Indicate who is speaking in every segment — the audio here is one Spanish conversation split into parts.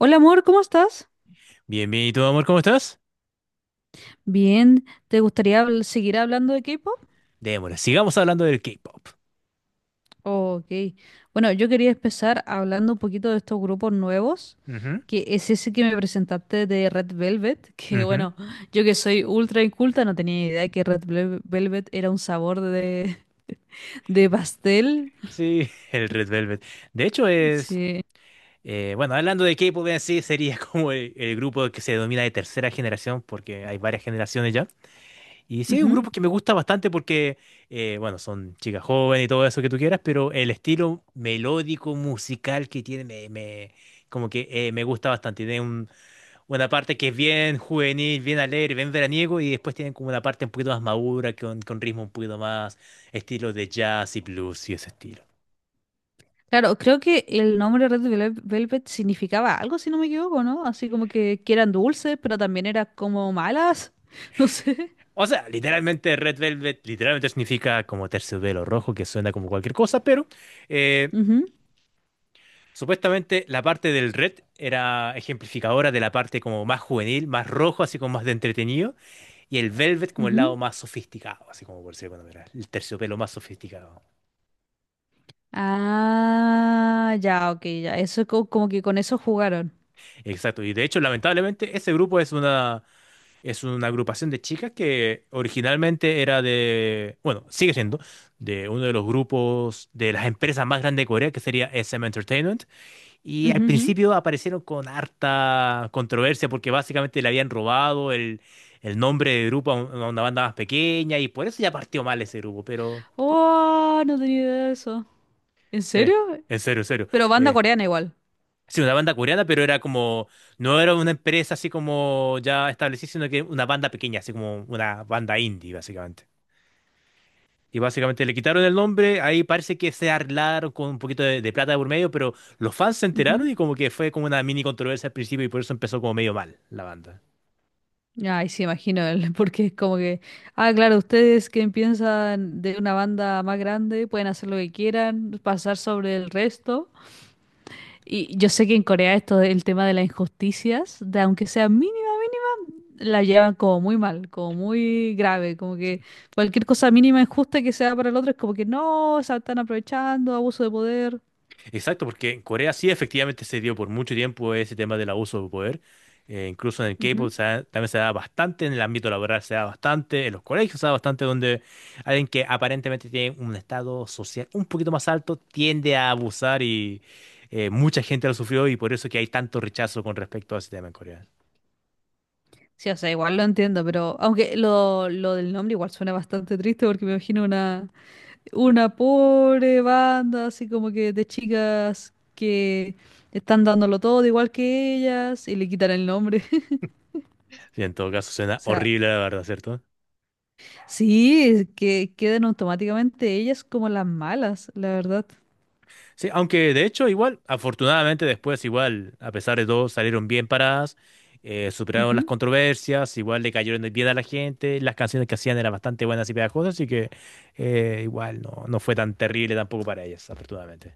Speaker 1: Hola amor, ¿cómo estás?
Speaker 2: Bien, bien, ¿y tú, amor, cómo estás?
Speaker 1: Bien, ¿te gustaría seguir hablando de K-pop?
Speaker 2: Démosle, sigamos hablando del K-pop.
Speaker 1: Oh, ok. Bueno, yo quería empezar hablando un poquito de estos grupos nuevos,
Speaker 2: Ujú,
Speaker 1: que es ese que me presentaste de Red Velvet, que
Speaker 2: ujú.
Speaker 1: bueno, yo que soy ultra inculta no tenía idea que Red Velvet era un sabor de, de pastel.
Speaker 2: Sí, el Red Velvet. De hecho, es.
Speaker 1: Sí.
Speaker 2: Bueno, hablando de K-pop en sí, sería como el grupo que se denomina de tercera generación, porque hay varias generaciones ya. Y sí, es un
Speaker 1: Ujú.
Speaker 2: grupo que me gusta bastante porque, bueno, son chicas jóvenes y todo eso que tú quieras, pero el estilo melódico musical que tiene como que me gusta bastante. Tiene un una parte que es bien juvenil, bien alegre, bien veraniego, y después tienen como una parte un poquito más madura, con ritmo un poquito más estilo de jazz y blues y ese estilo.
Speaker 1: Claro, creo que el nombre Red Velvet significaba algo, si no me equivoco, ¿no? Así como que, eran dulces, pero también eran como malas, no sé.
Speaker 2: O sea, literalmente Red Velvet literalmente significa como terciopelo rojo, que suena como cualquier cosa, pero eh,
Speaker 1: Ujú.
Speaker 2: supuestamente la parte del red era ejemplificadora de la parte como más juvenil, más rojo, así como más de entretenido, y el velvet como el lado
Speaker 1: Ujú.
Speaker 2: más sofisticado, así como por decirlo de alguna manera, el terciopelo más sofisticado.
Speaker 1: Ah, ya, ok, ya. Eso como que con eso jugaron.
Speaker 2: Exacto, y de hecho, lamentablemente, ese grupo es una agrupación de chicas que originalmente era de, bueno, sigue siendo, de uno de los grupos de las empresas más grandes de Corea, que sería SM Entertainment. Y al
Speaker 1: Ujú, ujú.
Speaker 2: principio aparecieron con harta controversia porque básicamente le habían robado el nombre de grupo a una banda más pequeña y por eso ya partió mal ese grupo. Pero,
Speaker 1: Oh, no tenía idea de eso. ¿En
Speaker 2: sí,
Speaker 1: serio?
Speaker 2: en serio, en serio.
Speaker 1: Pero banda
Speaker 2: Eh,
Speaker 1: coreana igual.
Speaker 2: sí, una banda coreana, pero era como, no era una empresa así como ya establecida, sino que una banda pequeña, así como una banda indie, básicamente. Y básicamente le quitaron el nombre, ahí parece que se arreglaron con un poquito de plata de por medio, pero los fans se enteraron
Speaker 1: Ujú.
Speaker 2: y como que fue como una mini controversia al principio y por eso empezó como medio mal la banda.
Speaker 1: Ay, sí, imagino, el- porque es como que... Ah, claro, ustedes que piensan de una banda más grande pueden hacer lo que quieran, pasar sobre el resto. Y yo sé que en Corea esto del tema de las injusticias, de aunque sea mínima, la llevan como muy mal, como muy grave, como que cualquier cosa mínima injusta que sea para el otro es como que no, se están aprovechando, abuso de poder.
Speaker 2: Exacto, porque en Corea sí efectivamente se dio por mucho tiempo ese tema del abuso de poder. Incluso en el K-pop
Speaker 1: Ujú.
Speaker 2: también se da bastante, en el ámbito laboral se da bastante, en los colegios se da bastante, donde alguien que aparentemente tiene un estado social un poquito más alto tiende a abusar y mucha gente lo sufrió y por eso que hay tanto rechazo con respecto a ese tema en Corea.
Speaker 1: Sí, o sea, igual lo entiendo, pero aunque lo del nombre igual suena bastante triste porque me imagino una pobre banda así como que de chicas que están dándolo todo igual que ellas y le quitan el nombre.
Speaker 2: Sí, en todo caso,
Speaker 1: O
Speaker 2: suena
Speaker 1: sea,
Speaker 2: horrible, la verdad, ¿cierto?
Speaker 1: sí, que quedan automáticamente ellas como las malas, la verdad.
Speaker 2: Sí, aunque de hecho, igual, afortunadamente después, igual, a pesar de todo, salieron bien paradas, superaron las
Speaker 1: Ujú.
Speaker 2: controversias, igual le cayeron bien a la gente, las canciones que hacían eran bastante buenas y pegajosas, así que igual no, no fue tan terrible tampoco para ellas, afortunadamente.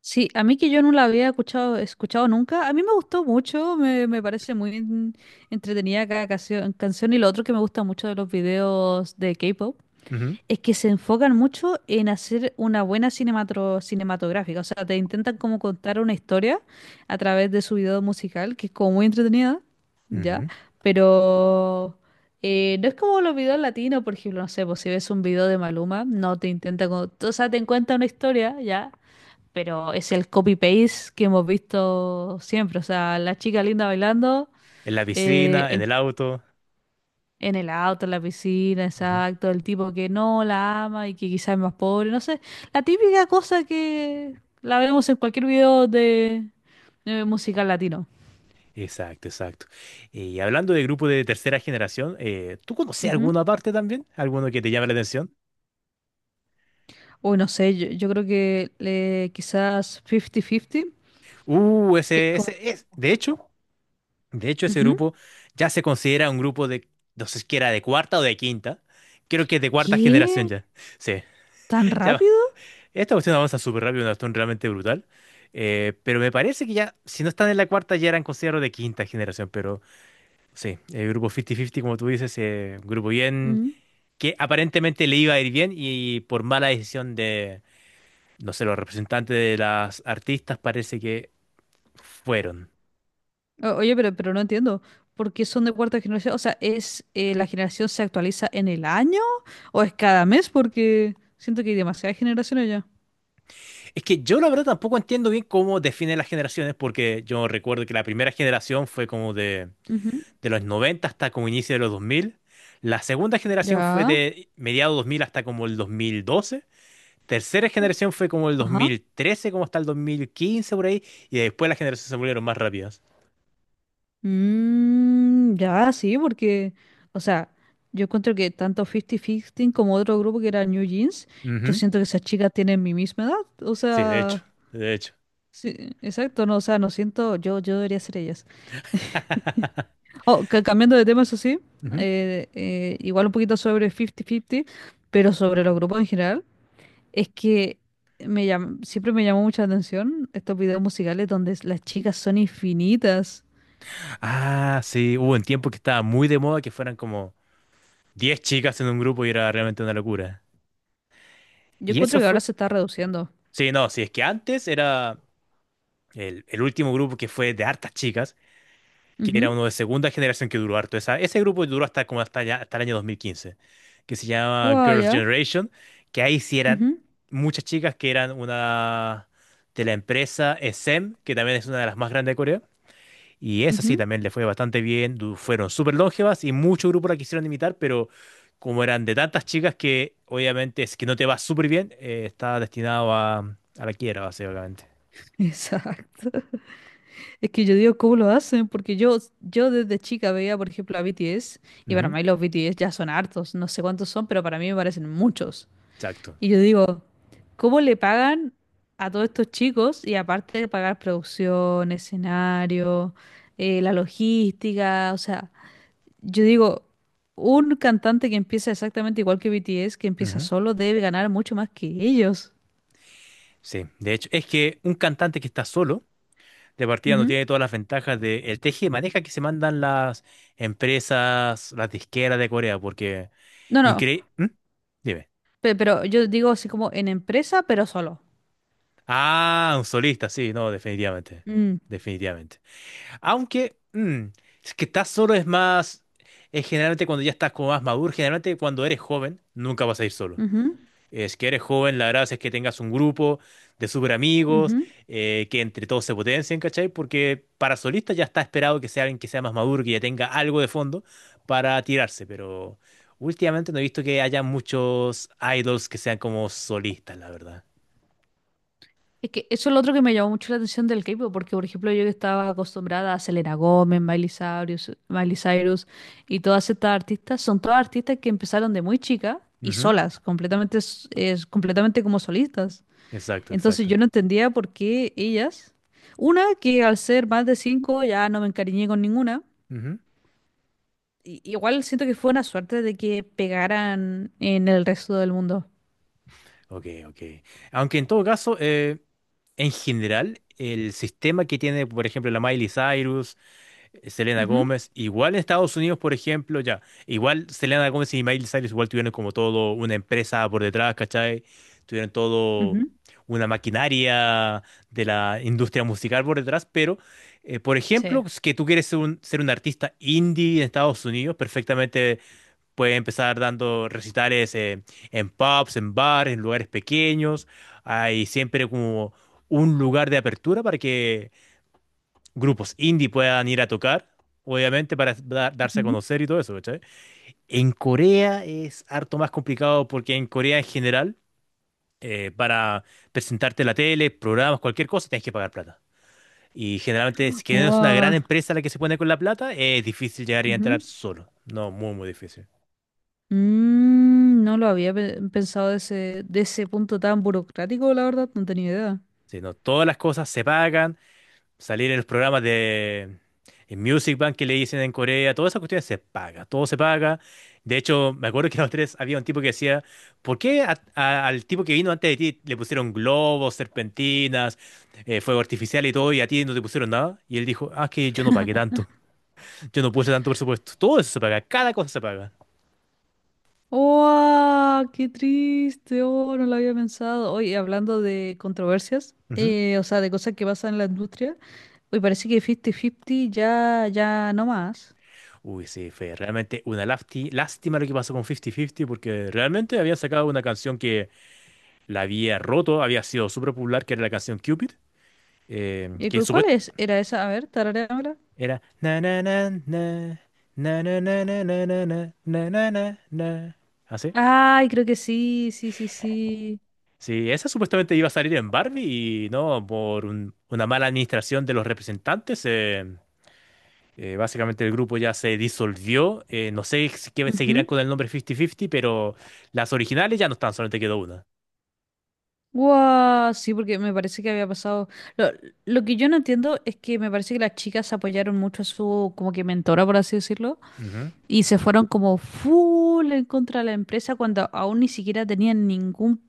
Speaker 1: Sí, a mí que yo no la había escuchado nunca, a mí me gustó mucho, me parece muy entretenida cada canción. Y lo otro que me gusta mucho de los videos de K-pop
Speaker 2: Ujú,
Speaker 1: es que se enfocan mucho en hacer una buena cinematográfica, o sea, te intentan como contar una historia a través de su video musical, que es como muy entretenida, ¿ya?
Speaker 2: ujú.
Speaker 1: Pero no es como los videos latinos, por ejemplo, no sé, pues si ves un video de Maluma, no te intenta, como, o sea, te cuenta una historia, ¿ya? Pero es el copy-paste que hemos visto siempre. O sea, la chica linda bailando,
Speaker 2: En la
Speaker 1: eh,
Speaker 2: piscina, en
Speaker 1: el,
Speaker 2: el auto.
Speaker 1: en el auto, en la piscina, exacto, el tipo que no la ama y que quizás es más pobre, no sé. La típica cosa que la vemos en cualquier video de musical latino.
Speaker 2: Exacto, exacto. Y hablando de grupo de tercera generación, ¿tú conoces
Speaker 1: Ujú.
Speaker 2: alguna parte también? ¿Alguno que te llame la atención?
Speaker 1: Uy, no sé, yo creo que le, quizás 50-50, que es
Speaker 2: Ese,
Speaker 1: como,
Speaker 2: ese, es. De hecho, ese
Speaker 1: ujú.
Speaker 2: grupo ya se considera un grupo de, no sé si era de cuarta o de quinta. Creo que es de cuarta generación
Speaker 1: ¿Qué?
Speaker 2: ya. Sí,
Speaker 1: ¿Tan
Speaker 2: ya.
Speaker 1: rápido?
Speaker 2: Esta cuestión avanza súper rápido, una cuestión realmente brutal. Pero me parece que ya, si no están en la cuarta, ya eran considerados de quinta generación. Pero sí, el grupo 50-50, como tú dices, un grupo bien.
Speaker 1: Mm.
Speaker 2: Que aparentemente le iba a ir bien y por mala decisión de, no sé, los representantes de las artistas parece que fueron.
Speaker 1: Oye, pero no entiendo. ¿Por qué son de cuarta generación? O sea, ¿es la generación se actualiza en el año? ¿O es cada mes? Porque siento que hay demasiadas generaciones ya.
Speaker 2: Es que yo la verdad tampoco entiendo bien cómo definen las generaciones porque yo recuerdo que la primera generación fue como
Speaker 1: Ujú.
Speaker 2: de los 90 hasta como inicio de los 2000. La segunda generación fue
Speaker 1: Ya,
Speaker 2: de mediados 2000 hasta como el 2012. Tercera generación fue como el
Speaker 1: ajá.
Speaker 2: 2013, como hasta el 2015 por ahí. Y después las generaciones se volvieron más rápidas.
Speaker 1: Mm, ya, sí, o sea, yo encuentro que tanto 50-15 como otro grupo que era New Jeans, yo
Speaker 2: Ujú.
Speaker 1: siento que esas chicas tienen mi misma edad. O
Speaker 2: Sí, de hecho,
Speaker 1: sea,
Speaker 2: de hecho.
Speaker 1: sí, exacto, no, o sea, no siento, yo debería ser ellas. Oh, cambiando de tema, eso sí,
Speaker 2: Ujú.
Speaker 1: igual un poquito sobre 50-50, pero sobre los grupos en general, es que siempre me llamó mucha atención estos videos musicales donde las chicas son infinitas.
Speaker 2: Ah, sí, hubo un tiempo que estaba muy de moda que fueran como 10 chicas en un grupo y era realmente una locura.
Speaker 1: Yo
Speaker 2: Y
Speaker 1: encuentro
Speaker 2: eso
Speaker 1: que ahora
Speaker 2: fue.
Speaker 1: se está reduciendo.
Speaker 2: Sí, no, sí, es que antes era el último grupo que fue de hartas chicas, que era
Speaker 1: Ujú.
Speaker 2: uno de segunda generación que duró harto. Ese grupo duró hasta como hasta, ya, hasta el año 2015, que se llama
Speaker 1: Guau,
Speaker 2: Girls'
Speaker 1: ya.
Speaker 2: Generation, que ahí sí eran
Speaker 1: Ujú,
Speaker 2: muchas chicas que eran una de la empresa SM, que también es una de las más grandes de Corea. Y esa sí
Speaker 1: ujú.
Speaker 2: también le fue bastante bien, fueron súper longevas y muchos grupos la quisieron imitar, pero como eran de tantas chicas que obviamente es que no te va súper bien, está destinado a la quiebra, básicamente.
Speaker 1: Exacto. Es que yo digo, ¿cómo lo hacen? Porque yo desde chica veía, por ejemplo, a BTS, y para
Speaker 2: Ujú,
Speaker 1: mí los BTS ya son hartos, no sé cuántos son, pero para mí me parecen muchos.
Speaker 2: exacto.
Speaker 1: Y yo digo, ¿cómo le pagan a todos estos chicos? Y aparte de pagar producción, escenario, la logística, o sea, yo digo, un cantante que empieza exactamente igual que BTS, que empieza
Speaker 2: Ujú.
Speaker 1: solo, debe ganar mucho más que ellos.
Speaker 2: Sí, de hecho, es que un cantante que está solo, de partida no
Speaker 1: Ujú.
Speaker 2: tiene todas las ventajas del teje y maneja que se mandan las empresas, las disqueras de Corea, porque
Speaker 1: No, no,
Speaker 2: increíble. Dime.
Speaker 1: pe- Pero yo digo así como en empresa, pero solo.
Speaker 2: Ah, un solista, sí, no, definitivamente.
Speaker 1: Mm,
Speaker 2: Definitivamente. Aunque, es que estás solo es más, es generalmente cuando ya estás como más maduro, generalmente cuando eres joven, nunca vas a ir solo.
Speaker 1: ujú,
Speaker 2: Es que eres joven, la gracia es que tengas un grupo de súper amigos,
Speaker 1: ujú.
Speaker 2: que entre todos se potencien, ¿cachai? Porque para solista ya está esperado que sea alguien que sea más maduro, que ya tenga algo de fondo para tirarse, pero últimamente no he visto que haya muchos idols que sean como solistas, la verdad.
Speaker 1: Es que eso es lo otro que me llamó mucho la atención del K-pop, porque por ejemplo yo que estaba acostumbrada a Selena Gómez, Miley Cyrus y todas estas artistas, son todas artistas que empezaron de muy chica y
Speaker 2: Ujú,
Speaker 1: solas, completamente, completamente como solistas.
Speaker 2: exacto,
Speaker 1: Entonces
Speaker 2: exacto.
Speaker 1: yo no entendía por qué ellas, una que al ser más de cinco ya no me encariñé con ninguna,
Speaker 2: Ujú,
Speaker 1: igual siento que fue una suerte de que pegaran en el resto del mundo.
Speaker 2: ok, ok. Aunque en todo caso, en general, el sistema que tiene, por ejemplo, la Miley Cyrus, Selena
Speaker 1: Ujú,
Speaker 2: Gómez, igual en Estados Unidos, por ejemplo, ya, igual Selena Gómez y Miley Cyrus igual tuvieron como todo una empresa por detrás, ¿cachai? Tuvieron todo
Speaker 1: ujú.
Speaker 2: una maquinaria de la industria musical por detrás, pero, por ejemplo,
Speaker 1: Sí.
Speaker 2: es que tú quieres ser un, artista indie en Estados Unidos, perfectamente puede empezar dando recitales en pubs, en bares, en lugares pequeños. Hay siempre como un lugar de apertura para que grupos indie puedan ir a tocar, obviamente, para darse a
Speaker 1: Ujú.
Speaker 2: conocer y todo eso, ¿cachai? En Corea es harto más complicado porque en Corea en general, para presentarte en la tele, programas, cualquier cosa, tienes que pagar plata. Y generalmente, si que no es una gran
Speaker 1: Wow.
Speaker 2: empresa la que se pone con la plata, es difícil llegar y entrar solo. No, muy, muy difícil.
Speaker 1: Mm, no lo había pensado de ese punto tan burocrático, la verdad, no tenía idea.
Speaker 2: Sí, no, todas las cosas se pagan. Salir en los programas de en Music Bank que le dicen en Corea, todas esas cuestiones se paga, todo se paga. De hecho, me acuerdo que los tres había un tipo que decía, ¿por qué al tipo que vino antes de ti le pusieron globos, serpentinas, fuego artificial y todo, y a ti no te pusieron nada? Y él dijo, ah, es que yo no pagué tanto, yo no puse tanto presupuesto. Todo eso se paga, cada cosa se paga.
Speaker 1: ¡Oh! ¡Qué triste! ¡Oh! No lo había pensado. Oye, hablando de controversias,
Speaker 2: Ujú.
Speaker 1: o sea, de cosas que pasan en la industria, hoy parece que 50-50 ya, ya no más.
Speaker 2: Uy, sí, fue realmente una lástima lo que pasó con 50-50 porque realmente había sacado una canción que la había roto, había sido súper popular, que era la canción Cupid. Que
Speaker 1: ¿Cuál es?
Speaker 2: supuestamente
Speaker 1: ¿Era esa? A ver, tararéamela.
Speaker 2: era na na na na na na na na na na na na na na na. ¿Así?
Speaker 1: Ay, creo que sí, sí, sí, sí.
Speaker 2: Sí, sí, esa supuestamente iba a salir en Barbie y no, por una mala administración de los representantes, básicamente el grupo ya se disolvió. No sé si que seguirán con el nombre 50-50, pero las originales ya no están, solamente quedó una.
Speaker 1: Guau, sí, porque me parece que había pasado. Lo, lo que yo no entiendo es que me parece que las chicas apoyaron mucho a su como que mentora, por así decirlo,
Speaker 2: Ujú.
Speaker 1: y se fueron como full en contra de la empresa cuando aún ni siquiera tenían ningún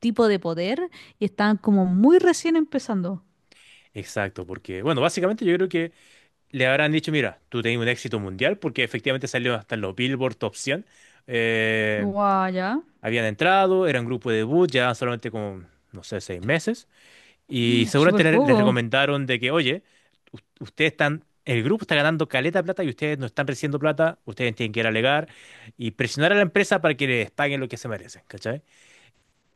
Speaker 1: tipo de poder y estaban como muy recién empezando.
Speaker 2: Exacto, porque, bueno, básicamente yo creo que le habrán dicho, mira, tú tenés un éxito mundial porque efectivamente salió hasta en los Billboard Top 100.
Speaker 1: Guau, ya.
Speaker 2: Habían entrado, era un grupo de debut, ya solamente como, no sé, 6 meses. Y seguramente
Speaker 1: Súper
Speaker 2: les
Speaker 1: poco.
Speaker 2: recomendaron de que, oye, ustedes están, el grupo está ganando caleta de plata y ustedes no están recibiendo plata, ustedes tienen que ir a alegar y presionar a la empresa para que les paguen lo que se merecen, ¿cachai?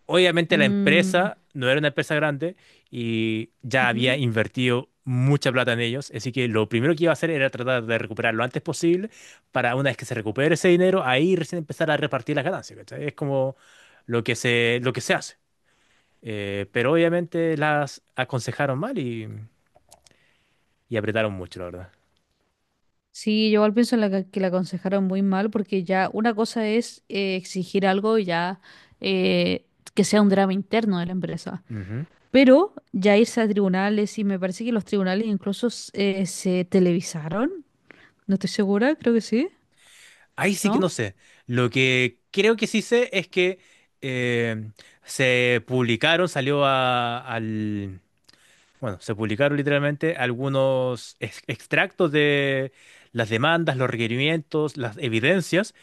Speaker 2: Obviamente la
Speaker 1: Mm,
Speaker 2: empresa no era una empresa grande y ya había
Speaker 1: ujú.
Speaker 2: invertido mucha plata en ellos, así que lo primero que iba a hacer era tratar de recuperar lo antes posible para una vez que se recupere ese dinero, ahí recién empezar a repartir las ganancias, ¿cachai? Es como lo que se hace. Pero obviamente las aconsejaron mal y apretaron mucho, la verdad.
Speaker 1: Sí, yo igual pienso en que la aconsejaron muy mal porque ya una cosa es exigir algo y ya eh, que sea un drama interno de la empresa.
Speaker 2: Ujú.
Speaker 1: Pero ya irse a tribunales y me parece que los tribunales incluso se televisaron. No estoy segura, creo que sí,
Speaker 2: Ahí sí que
Speaker 1: ¿no?
Speaker 2: no sé. Lo que creo que sí sé es que eh, se publicaron, salió bueno, se publicaron literalmente algunos extractos de las demandas, los requerimientos, las evidencias,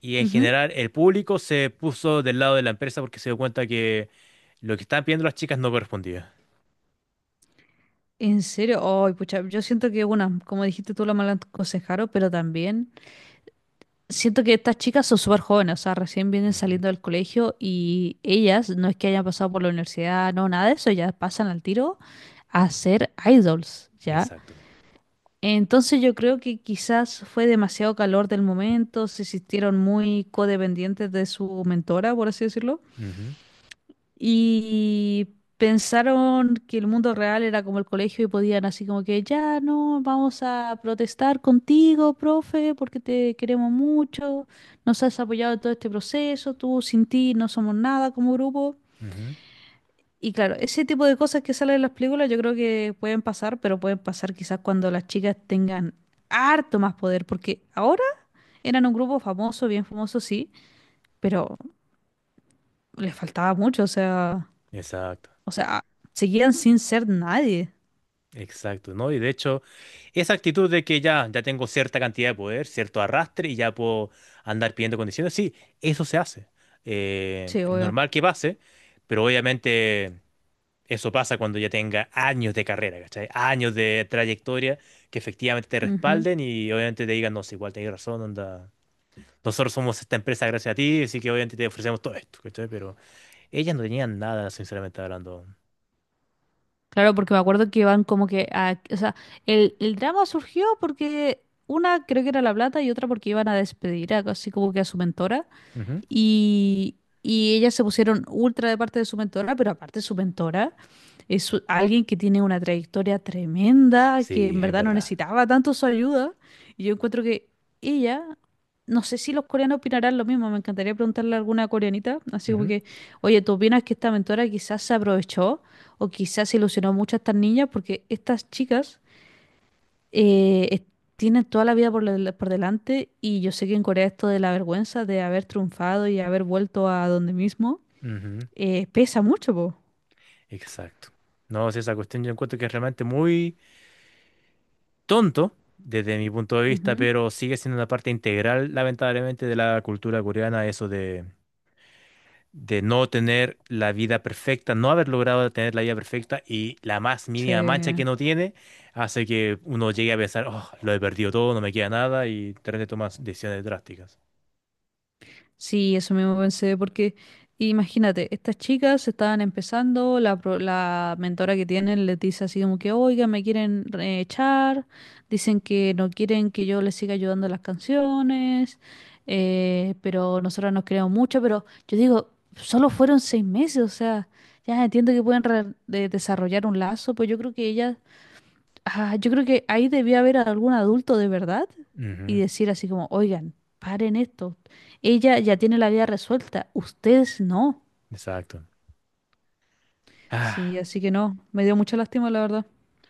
Speaker 2: y en
Speaker 1: Ujú.
Speaker 2: general el público se puso del lado de la empresa porque se dio cuenta que lo que estaban pidiendo las chicas no correspondía.
Speaker 1: En serio, ay, pucha, yo siento que, bueno, como dijiste tú, la mala aconsejaron, pero también siento que estas chicas son súper jóvenes, o sea, recién vienen
Speaker 2: Ujú,
Speaker 1: saliendo del colegio y ellas no es que hayan pasado por la universidad, no, nada de eso, ya pasan al tiro a ser idols, ¿ya?
Speaker 2: exacto.
Speaker 1: Entonces yo creo que quizás fue demasiado calor del momento, se sintieron muy codependientes de su mentora, por así decirlo,
Speaker 2: Ujú,
Speaker 1: y pensaron que el mundo real era como el colegio y podían así como que, ya no, vamos a protestar contigo, profe, porque te queremos mucho, nos has apoyado en todo este proceso, tú sin ti no somos nada como grupo.
Speaker 2: ujú,
Speaker 1: Y claro, ese tipo de cosas que salen en las películas yo creo que pueden pasar, pero pueden pasar quizás cuando las chicas tengan harto más poder, porque ahora eran un grupo famoso, bien famoso, sí, pero les faltaba mucho, o sea,
Speaker 2: exacto.
Speaker 1: o sea, seguían sin ser nadie.
Speaker 2: Exacto, ¿no? Y de hecho, esa actitud de que ya, ya tengo cierta cantidad de poder, cierto arrastre y ya puedo andar pidiendo condiciones, sí, eso se hace.
Speaker 1: Sí,
Speaker 2: Es
Speaker 1: obvio.
Speaker 2: normal que pase, pero obviamente. Eso pasa cuando ya tenga años de carrera, ¿cachai? Años de trayectoria que efectivamente te
Speaker 1: Ujú.
Speaker 2: respalden y obviamente te digan, no, sí, igual tenés razón, onda. Nosotros somos esta empresa gracias a ti, así que obviamente te ofrecemos todo esto, ¿cachai? Pero ellas no tenían nada, sinceramente hablando.
Speaker 1: Claro, porque me acuerdo que van como que a, o sea, el drama surgió porque una creo que era La Plata y otra porque iban a despedir a, así como que a su mentora.
Speaker 2: Ujú.
Speaker 1: Y ellas se pusieron ultra de parte de su mentora, pero aparte su mentora es alguien que tiene una trayectoria tremenda, que
Speaker 2: Sí,
Speaker 1: en
Speaker 2: es
Speaker 1: verdad no
Speaker 2: verdad.
Speaker 1: necesitaba tanto su ayuda. Y yo encuentro que ella, no sé si los coreanos opinarán lo mismo, me encantaría preguntarle a alguna coreanita, así como
Speaker 2: Ujú,
Speaker 1: que, oye, ¿tú opinas que esta mentora quizás se aprovechó o quizás se ilusionó mucho a estas niñas? Porque estas chicas eh, es- tienen toda la vida por, por delante y yo sé que en Corea esto de la vergüenza de haber triunfado y haber vuelto a donde mismo
Speaker 2: ujú,
Speaker 1: pesa mucho, po.
Speaker 2: exacto. No, sí, esa cuestión yo encuentro que es realmente muy tonto desde mi punto de vista,
Speaker 1: Ujú.
Speaker 2: pero sigue siendo una parte integral, lamentablemente, de la cultura coreana, eso de no tener la vida perfecta, no haber logrado tener la vida perfecta y la más
Speaker 1: Sí.
Speaker 2: mínima mancha que no tiene hace que uno llegue a pensar, oh, lo he perdido todo, no me queda nada y de repente tomas decisiones drásticas.
Speaker 1: Sí, eso mismo pensé, porque imagínate, estas chicas estaban empezando, la mentora que tienen les dice así como que, oiga, me quieren echar, dicen que no quieren que yo les siga ayudando a las canciones, pero nosotros nos creamos mucho, pero yo digo, solo fueron 6 meses, o sea, ya entiendo que pueden desarrollar un lazo, pues yo creo que ellas. Ah, yo creo que ahí debía haber algún adulto de verdad y
Speaker 2: Ujú,
Speaker 1: decir así como, oigan, paren esto. Ella ya tiene la vida resuelta, ustedes no.
Speaker 2: exacto.
Speaker 1: Sí,
Speaker 2: Ah.
Speaker 1: así que no, me dio mucha lástima, la verdad.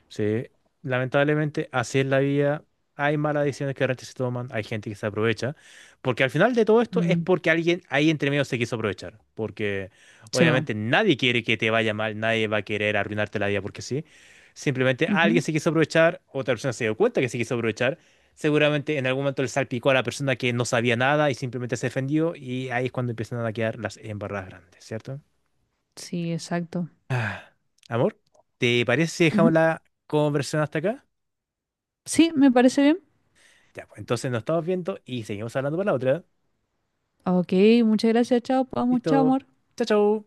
Speaker 2: Sí, lamentablemente así es la vida. Hay malas decisiones que realmente se toman, hay gente que se aprovecha, porque al final de todo esto es
Speaker 1: Mm,
Speaker 2: porque alguien ahí entre medio se quiso aprovechar, porque
Speaker 1: se va.
Speaker 2: obviamente nadie quiere que te vaya mal, nadie va a querer arruinarte la vida porque sí. Simplemente
Speaker 1: Ujú.
Speaker 2: alguien se quiso aprovechar, otra persona se dio cuenta que se quiso aprovechar, seguramente en algún momento le salpicó a la persona que no sabía nada y simplemente se defendió y ahí es cuando empiezan a quedar las embarradas grandes, ¿cierto?
Speaker 1: Sí, exacto.
Speaker 2: Ah, amor, ¿te parece si
Speaker 1: Ujú.
Speaker 2: dejamos la conversación hasta acá?
Speaker 1: Sí, me parece bien.
Speaker 2: Ya, pues entonces nos estamos viendo y seguimos hablando para la otra.
Speaker 1: Ok, muchas gracias, chao, vamos, chao,
Speaker 2: Listo.
Speaker 1: amor.
Speaker 2: Chao, chao.